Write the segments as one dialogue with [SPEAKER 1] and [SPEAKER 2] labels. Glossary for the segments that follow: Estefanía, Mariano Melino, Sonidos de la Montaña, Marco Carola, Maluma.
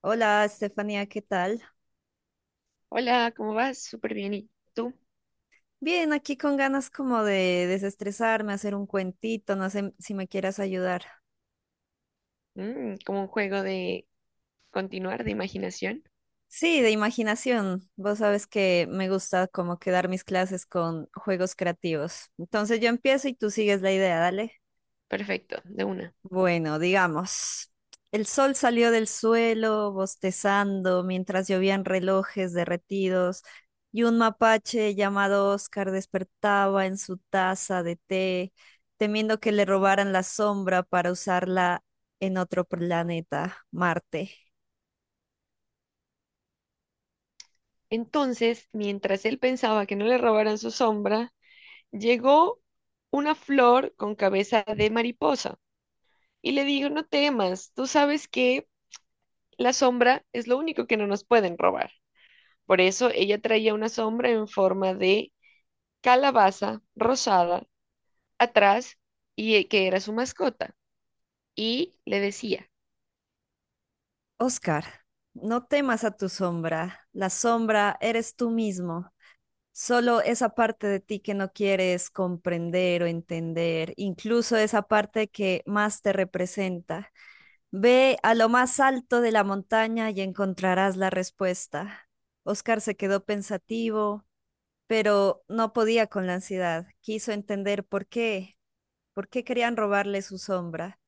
[SPEAKER 1] Hola, Estefanía, ¿qué tal?
[SPEAKER 2] Hola, ¿cómo vas? Súper bien. ¿Y tú?
[SPEAKER 1] Bien, aquí con ganas como de desestresarme, hacer un cuentito, no sé si me quieras ayudar.
[SPEAKER 2] Como un juego de continuar, de imaginación.
[SPEAKER 1] Sí, de imaginación. Vos sabes que me gusta como quedar mis clases con juegos creativos. Entonces yo empiezo y tú sigues la idea, dale.
[SPEAKER 2] Perfecto, de una.
[SPEAKER 1] Bueno, digamos, el sol salió del suelo bostezando mientras llovían relojes derretidos y un mapache llamado Oscar despertaba en su taza de té, temiendo que le robaran la sombra para usarla en otro planeta, Marte.
[SPEAKER 2] Entonces, mientras él pensaba que no le robaran su sombra, llegó una flor con cabeza de mariposa y le dijo, no temas, tú sabes que la sombra es lo único que no nos pueden robar. Por eso ella traía una sombra en forma de calabaza rosada atrás y que era su mascota. Y le decía,
[SPEAKER 1] Oscar, no temas a tu sombra, la sombra eres tú mismo. Solo esa parte de ti que no quieres comprender o entender, incluso esa parte que más te representa. Ve a lo más alto de la montaña y encontrarás la respuesta. Oscar se quedó pensativo, pero no podía con la ansiedad. Quiso entender por qué querían robarle su sombra,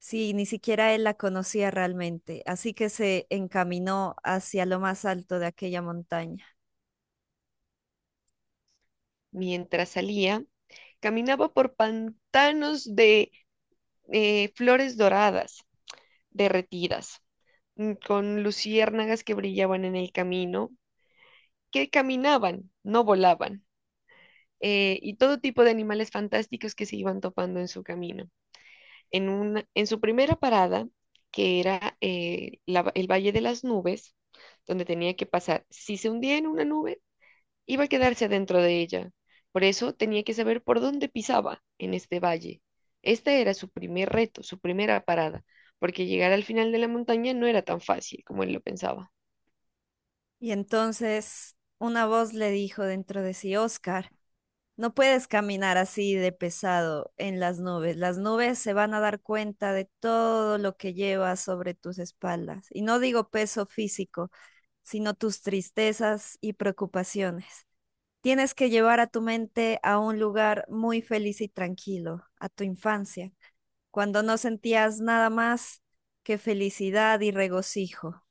[SPEAKER 1] si ni siquiera él la conocía realmente. Así que se encaminó hacia lo más alto de aquella montaña.
[SPEAKER 2] mientras salía, caminaba por pantanos de flores doradas, derretidas, con luciérnagas que brillaban en el camino, que caminaban, no volaban, y todo tipo de animales fantásticos que se iban topando en su camino. En su primera parada, que era el Valle de las Nubes, donde tenía que pasar, si se hundía en una nube, iba a quedarse dentro de ella. Por eso tenía que saber por dónde pisaba en este valle. Este era su primer reto, su primera parada, porque llegar al final de la montaña no era tan fácil como él lo pensaba.
[SPEAKER 1] Y entonces una voz le dijo dentro de sí, Oscar, no puedes caminar así de pesado en las nubes. Las nubes se van a dar cuenta de todo lo que llevas sobre tus espaldas. Y no digo peso físico, sino tus tristezas y preocupaciones. Tienes que llevar a tu mente a un lugar muy feliz y tranquilo, a tu infancia, cuando no sentías nada más que felicidad y regocijo.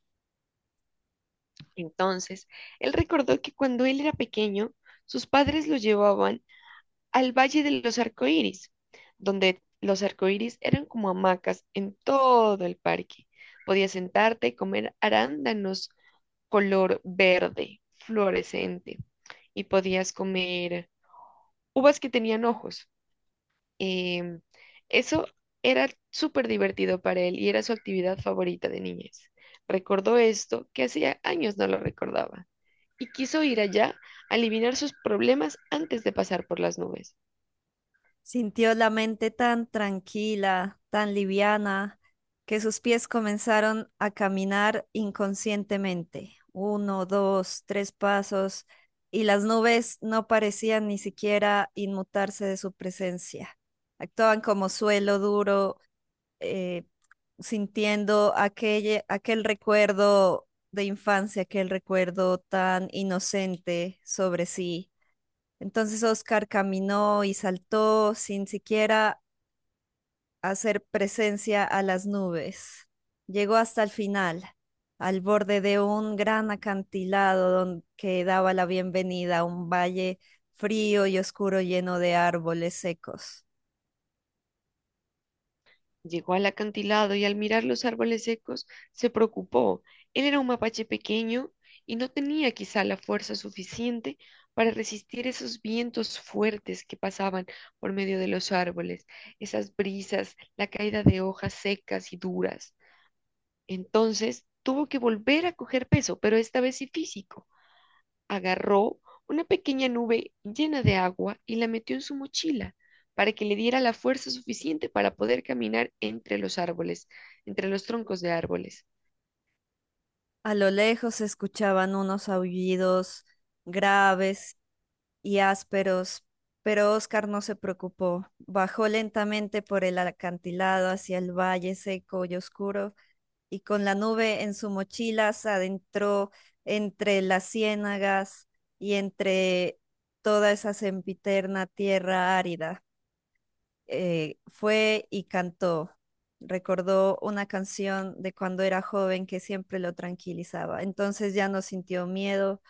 [SPEAKER 2] Entonces, él recordó que cuando él era pequeño, sus padres lo llevaban al Valle de los Arcoíris, donde los arcoíris eran como hamacas en todo el parque. Podías sentarte, comer arándanos color verde, fluorescente, y podías comer uvas que tenían ojos. Em, Eso era súper divertido para él y era su actividad favorita de niñez. Recordó esto que hacía años no lo recordaba y quiso ir allá a eliminar sus problemas antes de pasar por las nubes.
[SPEAKER 1] Sintió la mente tan tranquila, tan liviana, que sus pies comenzaron a caminar inconscientemente. Uno, dos, tres pasos, y las nubes no parecían ni siquiera inmutarse de su presencia. Actuaban como suelo duro, eh, sintiendo aquel recuerdo de infancia, aquel recuerdo tan inocente sobre sí. Entonces Oscar caminó y saltó sin siquiera hacer presencia a las nubes. Llegó hasta el final, al borde de un gran acantilado que daba la bienvenida a un valle frío y oscuro lleno de árboles secos.
[SPEAKER 2] Llegó al acantilado y al mirar los árboles secos se preocupó. Él era un mapache pequeño y no tenía quizá la fuerza suficiente para resistir esos vientos fuertes que pasaban por medio de los árboles, esas brisas, la caída de hojas secas y duras. Entonces tuvo que volver a coger peso, pero esta vez sí físico, agarró una pequeña nube llena de agua y la metió en su mochila para que le diera la fuerza suficiente para poder caminar entre los árboles, entre los troncos de árboles.
[SPEAKER 1] A lo lejos se escuchaban unos aullidos graves y ásperos, pero Oscar no se preocupó. Bajó lentamente por el acantilado hacia el valle seco y oscuro y con la nube en su mochila se adentró entre las ciénagas y entre toda esa sempiterna tierra árida. Fue y cantó. Recordó una canción de cuando era joven que siempre lo tranquilizaba. Entonces ya no sintió miedo,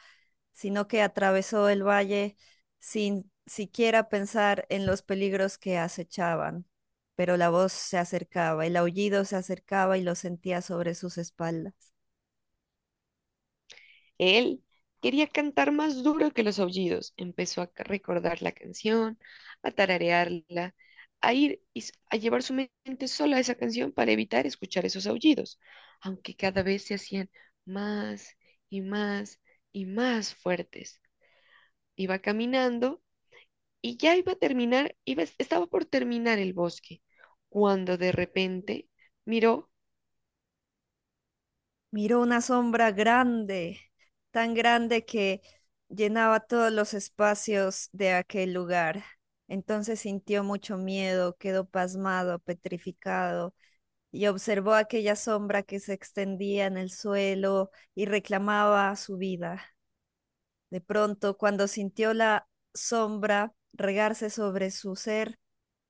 [SPEAKER 1] sino que atravesó el valle sin siquiera pensar en los peligros que acechaban. Pero la voz se acercaba, el aullido se acercaba y lo sentía sobre sus espaldas.
[SPEAKER 2] Él quería cantar más duro que los aullidos. Empezó a recordar la canción, a tararearla, a ir a llevar su mente sola a esa canción para evitar escuchar esos aullidos, aunque cada vez se hacían más y más y más fuertes. Iba caminando y ya iba a terminar, iba, estaba por terminar el bosque, cuando de repente miró
[SPEAKER 1] Miró una sombra grande, tan grande que llenaba todos los espacios de aquel lugar. Entonces sintió mucho miedo, quedó pasmado, petrificado, y observó aquella sombra que se extendía en el suelo y reclamaba su vida. De pronto, cuando sintió la sombra regarse sobre su ser,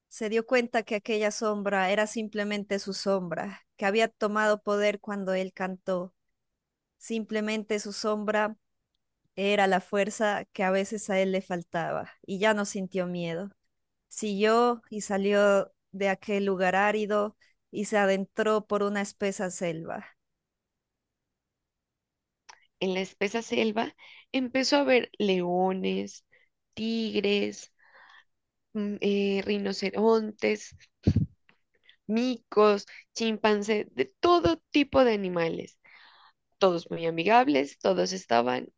[SPEAKER 1] se dio cuenta que aquella sombra era simplemente su sombra, que había tomado poder cuando él cantó. Simplemente su sombra era la fuerza que a veces a él le faltaba y ya no sintió miedo. Siguió y salió de aquel lugar árido y se adentró por una espesa selva.
[SPEAKER 2] en la espesa selva, empezó a ver leones, tigres, rinocerontes, micos, chimpancés, de todo tipo de animales. Todos muy amigables, todos estaban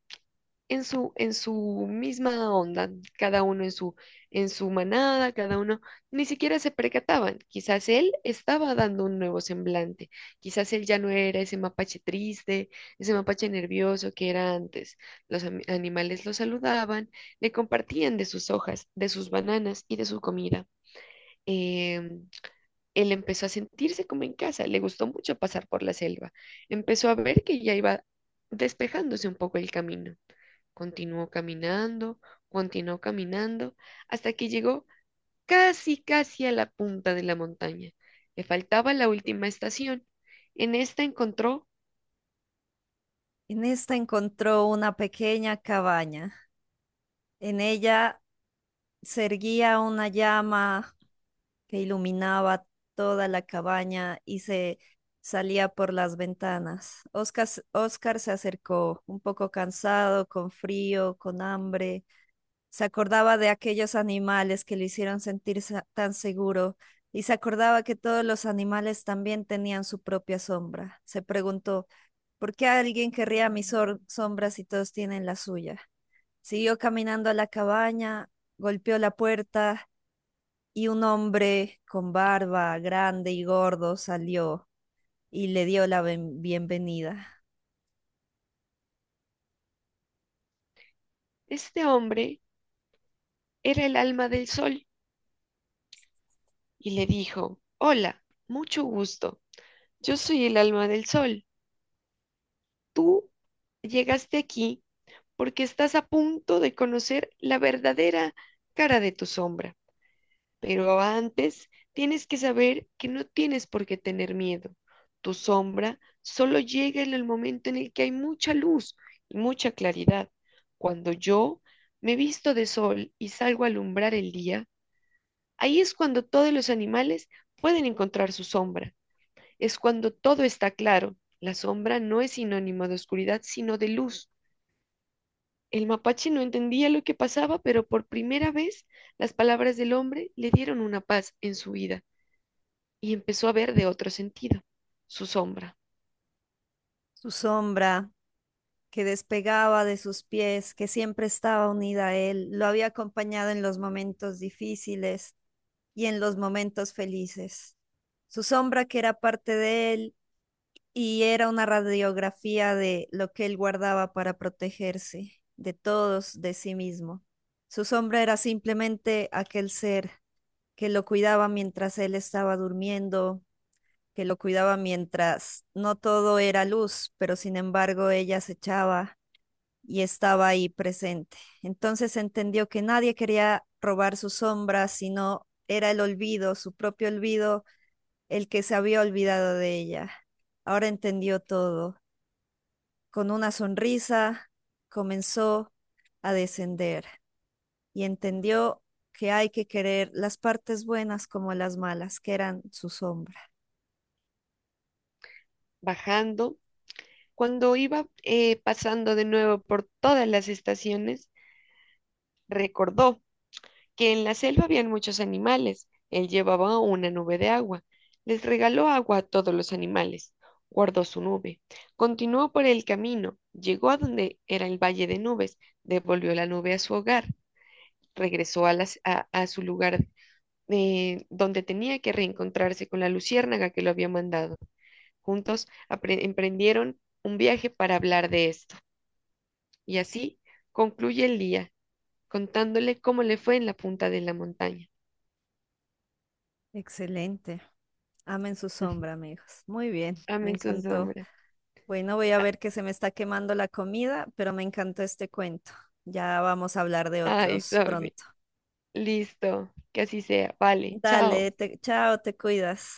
[SPEAKER 2] en su misma onda, cada uno en su manada, cada uno, ni siquiera se percataban. Quizás él estaba dando un nuevo semblante, quizás él ya no era ese mapache triste, ese mapache nervioso que era antes. Animales lo saludaban, le compartían de sus hojas, de sus bananas y de su comida. Em, Él empezó a sentirse como en casa, le gustó mucho pasar por la selva, empezó a ver que ya iba despejándose un poco el camino. Continuó caminando, continuó caminando, hasta que llegó casi, casi a la punta de la montaña. Le faltaba la última estación. En esta encontró,
[SPEAKER 1] En esta encontró una pequeña cabaña. En ella se erguía una llama que iluminaba toda la cabaña y se salía por las ventanas. Oscar, Oscar se acercó, un poco cansado, con frío, con hambre. Se acordaba de aquellos animales que le hicieron sentir tan seguro y se acordaba que todos los animales también tenían su propia sombra. Se preguntó, ¿por qué alguien querría mi sombra si todos tienen la suya? Siguió caminando a la cabaña, golpeó la puerta y un hombre con barba grande y gordo salió y le dio la bienvenida.
[SPEAKER 2] este hombre era el alma del sol y le dijo, hola, mucho gusto. Yo soy el alma del sol. Tú llegaste aquí porque estás a punto de conocer la verdadera cara de tu sombra. Pero antes tienes que saber que no tienes por qué tener miedo. Tu sombra solo llega en el momento en el que hay mucha luz y mucha claridad. Cuando yo me visto de sol y salgo a alumbrar el día, ahí es cuando todos los animales pueden encontrar su sombra. Es cuando todo está claro. La sombra no es sinónimo de oscuridad, sino de luz. El mapache no entendía lo que pasaba, pero por primera vez las palabras del hombre le dieron una paz en su vida. Y empezó a ver de otro sentido, su sombra,
[SPEAKER 1] Su sombra que despegaba de sus pies, que siempre estaba unida a él, lo había acompañado en los momentos difíciles y en los momentos felices. Su sombra que era parte de él y era una radiografía de lo que él guardaba para protegerse de todos, de sí mismo. Su sombra era simplemente aquel ser que lo cuidaba mientras él estaba durmiendo, que lo cuidaba mientras no todo era luz, pero sin embargo ella acechaba y estaba ahí presente. Entonces entendió que nadie quería robar su sombra, sino era el olvido, su propio olvido, el que se había olvidado de ella. Ahora entendió todo. Con una sonrisa comenzó a descender y entendió que hay que querer las partes buenas como las malas, que eran su sombra.
[SPEAKER 2] bajando. Cuando iba pasando de nuevo por todas las estaciones, recordó que en la selva habían muchos animales. Él llevaba una nube de agua. Les regaló agua a todos los animales. Guardó su nube. Continuó por el camino. Llegó a donde era el valle de nubes. Devolvió la nube a su hogar. Regresó a su lugar donde tenía que reencontrarse con la luciérnaga que lo había mandado. Juntos emprendieron un viaje para hablar de esto. Y así concluye el día, contándole cómo le fue en la punta de la montaña.
[SPEAKER 1] Excelente. Amen su sombra, amigos. Muy bien, me
[SPEAKER 2] Amen su
[SPEAKER 1] encantó.
[SPEAKER 2] sombra.
[SPEAKER 1] Bueno, voy a ver que se me está quemando la comida, pero me encantó este cuento. Ya vamos a hablar de
[SPEAKER 2] Ay,
[SPEAKER 1] otros
[SPEAKER 2] Sofi,
[SPEAKER 1] pronto.
[SPEAKER 2] listo, que así sea. Vale,
[SPEAKER 1] Dale,
[SPEAKER 2] chao.
[SPEAKER 1] chao, te cuidas.